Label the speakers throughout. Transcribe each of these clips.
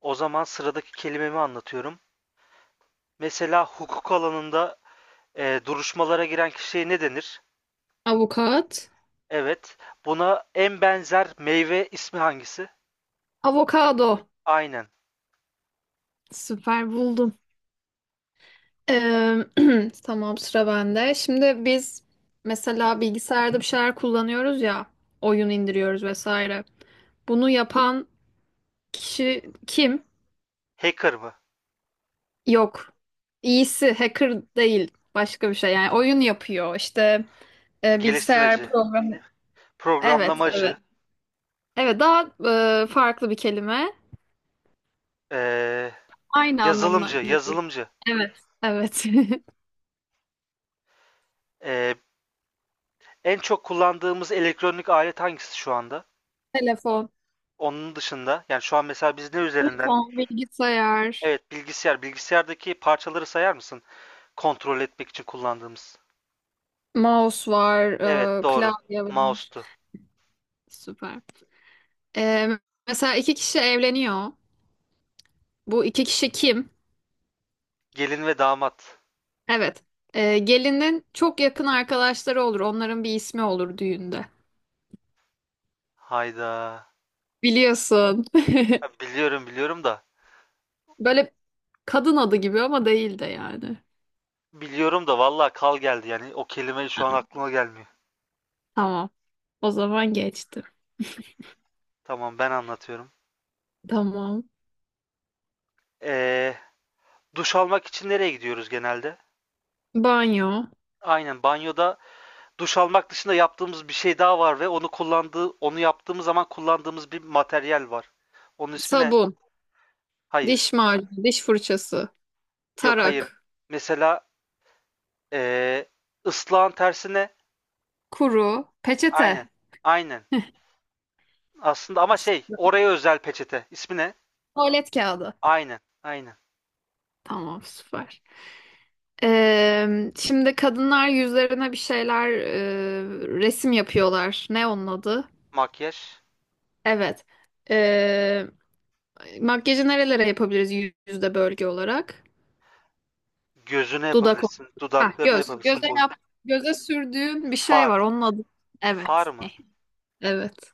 Speaker 1: O zaman sıradaki kelimemi anlatıyorum. Mesela hukuk alanında duruşmalara giren kişiye ne denir?
Speaker 2: Avukat.
Speaker 1: Evet. Buna en benzer meyve ismi hangisi?
Speaker 2: Avokado.
Speaker 1: Aynen.
Speaker 2: Süper buldum. Ee, tamam sıra bende. Şimdi biz mesela bilgisayarda bir şeyler kullanıyoruz ya. Oyun indiriyoruz vesaire. Bunu yapan kişi kim?
Speaker 1: Hacker mı?
Speaker 2: Yok. İyisi hacker değil. Başka bir şey. Yani oyun yapıyor. İşte bilgisayar
Speaker 1: Geliştirmeci.
Speaker 2: programı. Evet.
Speaker 1: Programlamacı.
Speaker 2: Evet daha farklı bir kelime.
Speaker 1: e,
Speaker 2: Aynı anlamına
Speaker 1: yazılımcı.
Speaker 2: geliyor.
Speaker 1: Yazılımcı.
Speaker 2: Evet. Evet.
Speaker 1: E, En çok kullandığımız elektronik alet hangisi şu anda?
Speaker 2: Telefon.
Speaker 1: Onun dışında yani şu an mesela biz ne üzerinden?
Speaker 2: Telefon, bilgisayar,
Speaker 1: Evet, bilgisayar. Bilgisayardaki parçaları sayar mısın? Kontrol etmek için kullandığımız.
Speaker 2: mouse var,
Speaker 1: Evet, doğru.
Speaker 2: klavye var.
Speaker 1: Mouse'tu.
Speaker 2: Süper. E, mesela iki kişi evleniyor. Bu iki kişi kim?
Speaker 1: Gelin ve damat.
Speaker 2: Evet. E, gelinin çok yakın arkadaşları olur. Onların bir ismi olur düğünde.
Speaker 1: Hayda.
Speaker 2: Biliyorsun.
Speaker 1: Ha, biliyorum biliyorum da.
Speaker 2: Böyle kadın adı gibi ama değil de yani.
Speaker 1: Biliyorum da vallahi kal geldi yani o kelime şu an aklıma gelmiyor.
Speaker 2: Tamam. O zaman geçtim.
Speaker 1: Tamam, ben anlatıyorum.
Speaker 2: Tamam.
Speaker 1: Ee, Duş almak için nereye gidiyoruz genelde?
Speaker 2: Banyo,
Speaker 1: Aynen, banyoda duş almak dışında yaptığımız bir şey daha var ve onu yaptığımız zaman kullandığımız bir materyal var. Onun ismi ne?
Speaker 2: sabun,
Speaker 1: Hayır.
Speaker 2: diş macunu, diş fırçası,
Speaker 1: Yok, hayır.
Speaker 2: tarak,
Speaker 1: Mesela ee, ıslağın tersi ne?
Speaker 2: kuru, peçete,
Speaker 1: Aynen. Aynen. Aslında ama şey, oraya özel peçete. İsmi ne?
Speaker 2: tuvalet kağıdı.
Speaker 1: Aynen. Aynen.
Speaker 2: Tamam süper. Şimdi kadınlar yüzlerine bir şeyler resim yapıyorlar. Ne onun adı?
Speaker 1: Makyaj
Speaker 2: Evet. Ee, makyajı nerelere yapabiliriz yüzde bölge olarak?
Speaker 1: gözüne
Speaker 2: Dudak.
Speaker 1: yapabilirsin,
Speaker 2: Ha,
Speaker 1: dudaklarına
Speaker 2: göz.
Speaker 1: yapabilirsin,
Speaker 2: Göze
Speaker 1: boyun.
Speaker 2: yap. Göze sürdüğün bir şey
Speaker 1: Far.
Speaker 2: var. Onun adı.
Speaker 1: Far
Speaker 2: Evet.
Speaker 1: mı?
Speaker 2: Evet.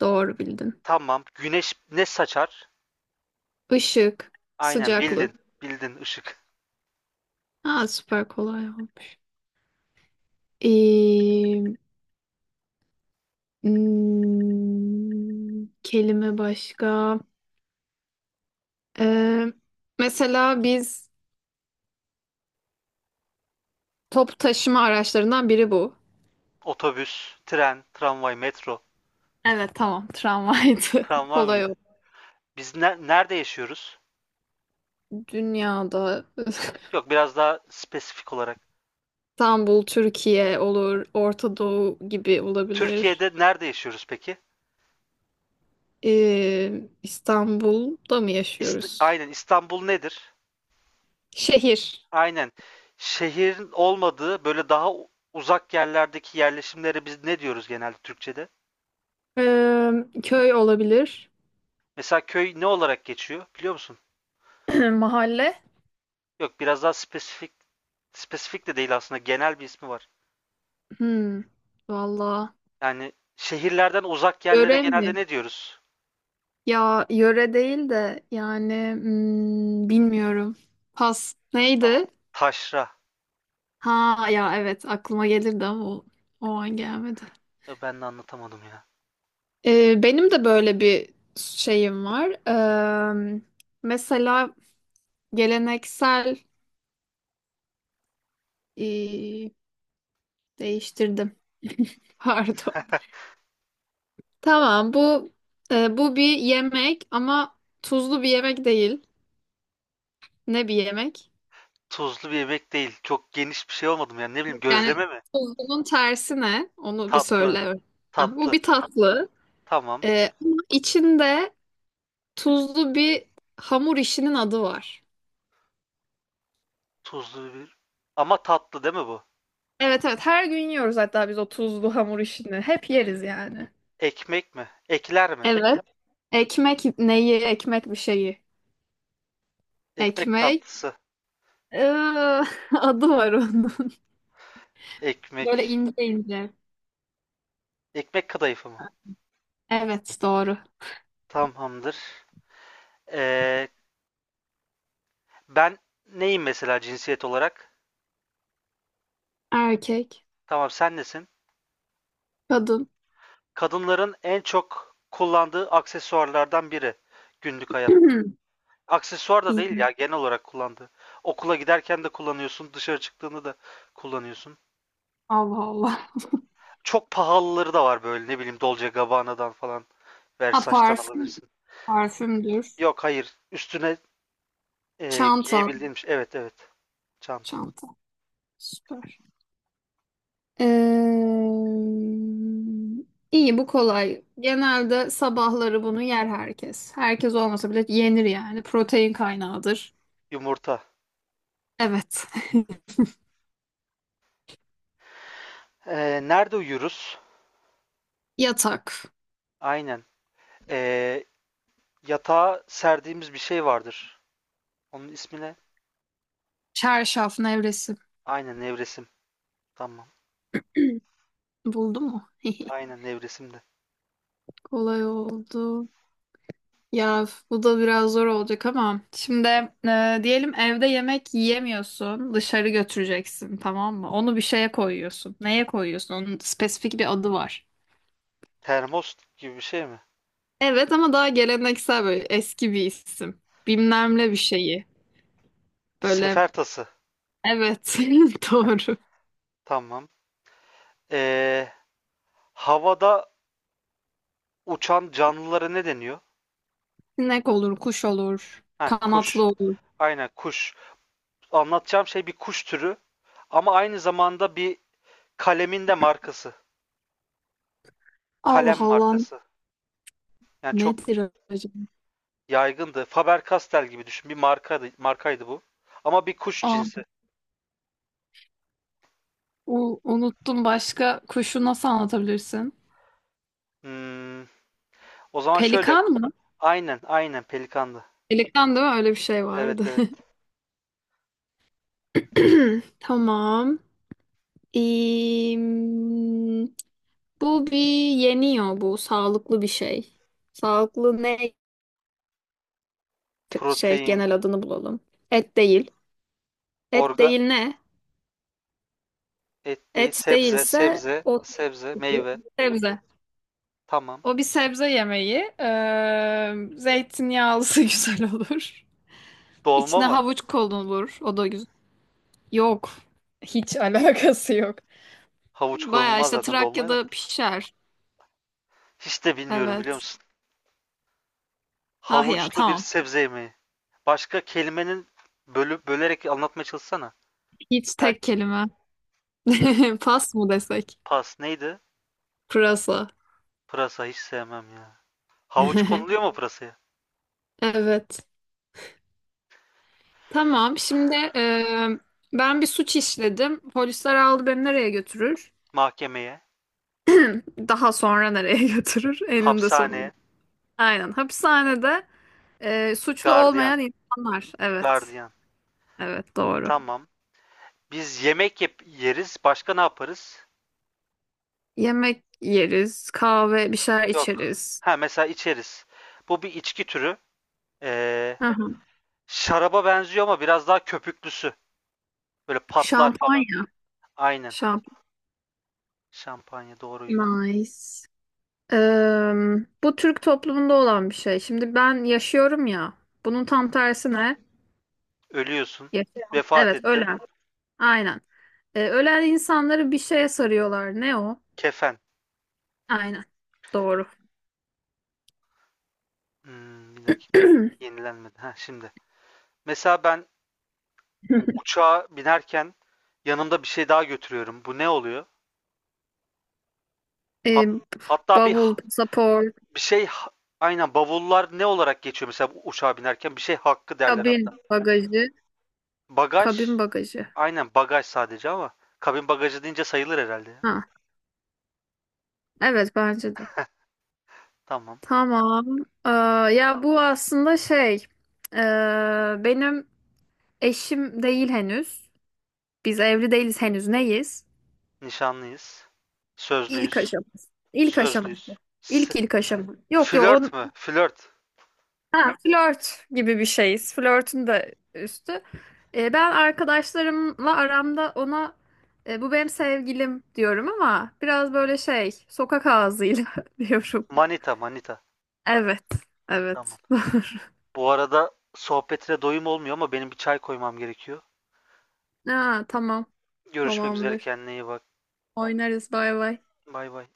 Speaker 2: Doğru bildin.
Speaker 1: Tamam. Güneş ne saçar?
Speaker 2: Işık.
Speaker 1: Aynen,
Speaker 2: Sıcaklık.
Speaker 1: bildin. Bildin, ışık.
Speaker 2: Ha, süper kolay olmuş. Ee, kelime başka. Ee, mesela biz toplu taşıma araçlarından biri bu.
Speaker 1: Otobüs, tren, tramvay, metro.
Speaker 2: Evet tamam tramvaydı.
Speaker 1: Tramvay
Speaker 2: Kolay o.
Speaker 1: mıydı? Biz nerede yaşıyoruz?
Speaker 2: Dünyada.
Speaker 1: Yok, biraz daha spesifik olarak.
Speaker 2: İstanbul, Türkiye olur, Orta Doğu gibi olabilir.
Speaker 1: Türkiye'de nerede yaşıyoruz peki?
Speaker 2: Ee, İstanbul'da mı yaşıyoruz?
Speaker 1: Aynen, İstanbul nedir?
Speaker 2: Şehir.
Speaker 1: Aynen. Şehrin olmadığı böyle daha uzak yerlerdeki yerleşimlere biz ne diyoruz genelde Türkçe'de?
Speaker 2: Ee, köy olabilir.
Speaker 1: Mesela köy ne olarak geçiyor biliyor musun?
Speaker 2: Mahalle.
Speaker 1: Yok, biraz daha spesifik. Spesifik de değil aslında, genel bir ismi var.
Speaker 2: Hmm, valla.
Speaker 1: Yani şehirlerden uzak yerlere
Speaker 2: Yöre
Speaker 1: genelde
Speaker 2: mi?
Speaker 1: ne diyoruz?
Speaker 2: Ya yöre değil de yani bilmiyorum. Pas
Speaker 1: Tamam.
Speaker 2: neydi?
Speaker 1: Taşra.
Speaker 2: Ha ya evet aklıma gelirdi ama o an gelmedi.
Speaker 1: Ya ben de anlatamadım ya.
Speaker 2: Benim de böyle bir şeyim var. Mesela geleneksel ee, değiştirdim. Pardon. Tamam bu bu bir yemek ama tuzlu bir yemek değil. Ne bir yemek?
Speaker 1: Tuzlu bir yemek değil. Çok geniş bir şey olmadım yani, ne bileyim,
Speaker 2: Yani
Speaker 1: gözleme mi?
Speaker 2: tuzlunun tersi ne? Onu bir
Speaker 1: Tatlı.
Speaker 2: söyle. Ha, bu
Speaker 1: Tatlı.
Speaker 2: bir tatlı.
Speaker 1: Tamam.
Speaker 2: Ama içinde tuzlu bir hamur işinin adı var.
Speaker 1: Tuzlu bir. Ama tatlı değil mi bu?
Speaker 2: Evet evet her gün yiyoruz hatta biz o tuzlu hamur işini. Hep yeriz yani.
Speaker 1: Ekmek mi? Ekler mi?
Speaker 2: Evet. Ekmek neyi? Ekmek bir şeyi.
Speaker 1: Ekmek
Speaker 2: Ekmek.
Speaker 1: tatlısı.
Speaker 2: Iıı, adı var onun. Böyle
Speaker 1: Ekmek.
Speaker 2: ince ince.
Speaker 1: Ekmek kadayıfı mı?
Speaker 2: Evet doğru.
Speaker 1: Tamamdır. Ee, Ben neyim mesela cinsiyet olarak?
Speaker 2: Erkek.
Speaker 1: Tamam, sen nesin?
Speaker 2: Kadın.
Speaker 1: Kadınların en çok kullandığı aksesuarlardan biri günlük hayatta. Aksesuar da
Speaker 2: İyi.
Speaker 1: değil ya, genel olarak kullandığı. Okula giderken de kullanıyorsun, dışarı çıktığında da kullanıyorsun.
Speaker 2: Allah Allah.
Speaker 1: Çok pahalıları da var, böyle ne bileyim, Dolce Gabbana'dan falan
Speaker 2: Ha
Speaker 1: Versace'tan
Speaker 2: parfüm.
Speaker 1: alabilirsin.
Speaker 2: Parfümdür.
Speaker 1: Yok, hayır, üstüne
Speaker 2: Çanta.
Speaker 1: giyebildiğin bir şey. Evet, evet, çanta.
Speaker 2: Çanta. Süper. Ee, iyi bu kolay. Genelde sabahları bunu yer herkes. Herkes olmasa bile yenir yani. Protein kaynağıdır.
Speaker 1: Yumurta.
Speaker 2: Evet.
Speaker 1: Nerede uyuruz?
Speaker 2: Yatak.
Speaker 1: Aynen. E, Yatağa serdiğimiz bir şey vardır. Onun ismi ne?
Speaker 2: Çarşaf nevresi.
Speaker 1: Aynen, nevresim. Tamam.
Speaker 2: Buldun mu?
Speaker 1: Aynen, nevresim de.
Speaker 2: Kolay oldu. Ya bu da biraz zor olacak ama şimdi diyelim evde yemek yiyemiyorsun, dışarı götüreceksin tamam mı? Onu bir şeye koyuyorsun. Neye koyuyorsun? Onun spesifik bir adı var.
Speaker 1: Termos gibi bir şey mi?
Speaker 2: Evet ama daha geleneksel böyle eski bir isim. Bilmemle bir şeyi. Böyle
Speaker 1: Sefer tası.
Speaker 2: evet doğru.
Speaker 1: Tamam. Ee, Havada uçan canlılara ne deniyor?
Speaker 2: Sinek olur, kuş olur,
Speaker 1: Ha,
Speaker 2: kanatlı
Speaker 1: kuş.
Speaker 2: olur.
Speaker 1: Aynen, kuş. Anlatacağım şey bir kuş türü ama aynı zamanda bir kalemin de markası.
Speaker 2: Allah
Speaker 1: Kalem
Speaker 2: Allah,
Speaker 1: markası. Yani çok
Speaker 2: nedir acaba?
Speaker 1: yaygındı. Faber-Castell gibi düşün. Bir markaydı, markaydı bu. Ama bir kuş
Speaker 2: Aa,
Speaker 1: cinsi.
Speaker 2: unuttum başka kuşu nasıl anlatabilirsin?
Speaker 1: Hmm, O zaman şöyle.
Speaker 2: Pelikan mı?
Speaker 1: Aynen, aynen pelikandı.
Speaker 2: Pelikan değil mi? Öyle bir şey
Speaker 1: Evet,
Speaker 2: vardı.
Speaker 1: evet.
Speaker 2: Tamam. Ee, bu bir yeniyor bu. Sağlıklı bir şey. Sağlıklı ne şey
Speaker 1: Protein,
Speaker 2: genel adını bulalım. Et değil. Et
Speaker 1: organ,
Speaker 2: değil ne?
Speaker 1: et değil,
Speaker 2: Et
Speaker 1: sebze,
Speaker 2: değilse
Speaker 1: sebze,
Speaker 2: o
Speaker 1: sebze, meyve.
Speaker 2: sebze.
Speaker 1: Tamam.
Speaker 2: O bir sebze yemeği. Zeytinyağlısı güzel olur.
Speaker 1: Dolma
Speaker 2: İçine
Speaker 1: mı?
Speaker 2: havuç konulur. O da güzel. Yok. Hiç alakası yok.
Speaker 1: Havuç
Speaker 2: Baya
Speaker 1: konulmaz
Speaker 2: işte
Speaker 1: zaten dolmaya da.
Speaker 2: Trakya'da pişer.
Speaker 1: Hiç de bilmiyorum, biliyor
Speaker 2: Evet.
Speaker 1: musun?
Speaker 2: Ah ya
Speaker 1: Havuçlu bir
Speaker 2: tamam.
Speaker 1: sebze yemeği. Başka kelimenin bölüp bölerek anlatmaya çalışsana.
Speaker 2: Hiç tek
Speaker 1: Belki.
Speaker 2: kelime.
Speaker 1: Hmm,
Speaker 2: Pas mı desek?
Speaker 1: Pas neydi?
Speaker 2: Pırasa.
Speaker 1: Pırasa hiç sevmem ya. Havuç konuluyor mu pırasaya?
Speaker 2: Evet. Tamam. Şimdi ben bir suç işledim. Polisler aldı beni nereye götürür?
Speaker 1: Mahkemeye,
Speaker 2: Daha sonra nereye götürür eninde sonunda.
Speaker 1: hapishaneye,
Speaker 2: Aynen. Hapishanede suçlu
Speaker 1: gardiyan,
Speaker 2: olmayan insanlar. Evet.
Speaker 1: gardiyan.
Speaker 2: Evet doğru.
Speaker 1: Tamam. Biz yemek yeriz. Başka ne yaparız?
Speaker 2: Yemek yeriz, kahve bir şeyler
Speaker 1: Yok.
Speaker 2: içeriz.
Speaker 1: Ha, mesela içeriz. Bu bir içki türü. Ee,
Speaker 2: Hı hı.
Speaker 1: Şaraba benziyor ama biraz daha köpüklüsü. Böyle patlar falan.
Speaker 2: Şampanya.
Speaker 1: Aynen.
Speaker 2: Şampanya.
Speaker 1: Şampanya doğruydu.
Speaker 2: Nice. Eee, bu Türk toplumunda olan bir şey. Şimdi ben yaşıyorum ya. Bunun tam tersi ne?
Speaker 1: Ölüyorsun.
Speaker 2: Yaşayan.
Speaker 1: Vefat
Speaker 2: Evet,
Speaker 1: ettin.
Speaker 2: ölen. Aynen. Ölen insanları bir şeye sarıyorlar. Ne o?
Speaker 1: Kefen.
Speaker 2: Aynen. Doğru.
Speaker 1: Bir dakika. Yenilenmedi. Ha şimdi. Mesela ben uçağa binerken yanımda bir şey daha götürüyorum. Bu ne oluyor? Hat-
Speaker 2: Eee
Speaker 1: Hatta bir
Speaker 2: bavul, pasaport.
Speaker 1: bir şey, aynen, bavullar ne olarak geçiyor mesela uçağa binerken, bir şey hakkı derler hatta.
Speaker 2: Kabin bagajı.
Speaker 1: Bagaj,
Speaker 2: Kabin bagajı.
Speaker 1: aynen bagaj sadece ama kabin bagajı deyince sayılır herhalde ya.
Speaker 2: Ha, evet bence de.
Speaker 1: Tamam.
Speaker 2: Tamam. Ee, ya bu aslında şey ee, benim eşim değil henüz. Biz evli değiliz henüz. Neyiz?
Speaker 1: Nişanlıyız.
Speaker 2: İlk
Speaker 1: Sözlüyüz.
Speaker 2: aşaması. İlk aşaması.
Speaker 1: Sözlüyüz.
Speaker 2: İlk ilk aşama. Yok yok
Speaker 1: Flört
Speaker 2: on
Speaker 1: mü? Flört.
Speaker 2: ha, flört gibi bir şeyiz. Flörtün de üstü. Ben arkadaşlarımla aramda ona bu benim sevgilim diyorum ama biraz böyle şey sokak ağzıyla diyorum.
Speaker 1: Manita, manita.
Speaker 2: Evet. Evet.
Speaker 1: Tamam.
Speaker 2: Doğru.
Speaker 1: Bu arada sohbetine doyum olmuyor ama benim bir çay koymam gerekiyor.
Speaker 2: Aa, tamam.
Speaker 1: Görüşmek üzere,
Speaker 2: Tamamdır.
Speaker 1: kendine iyi bak.
Speaker 2: Oynarız. Bay bay.
Speaker 1: Bay bay.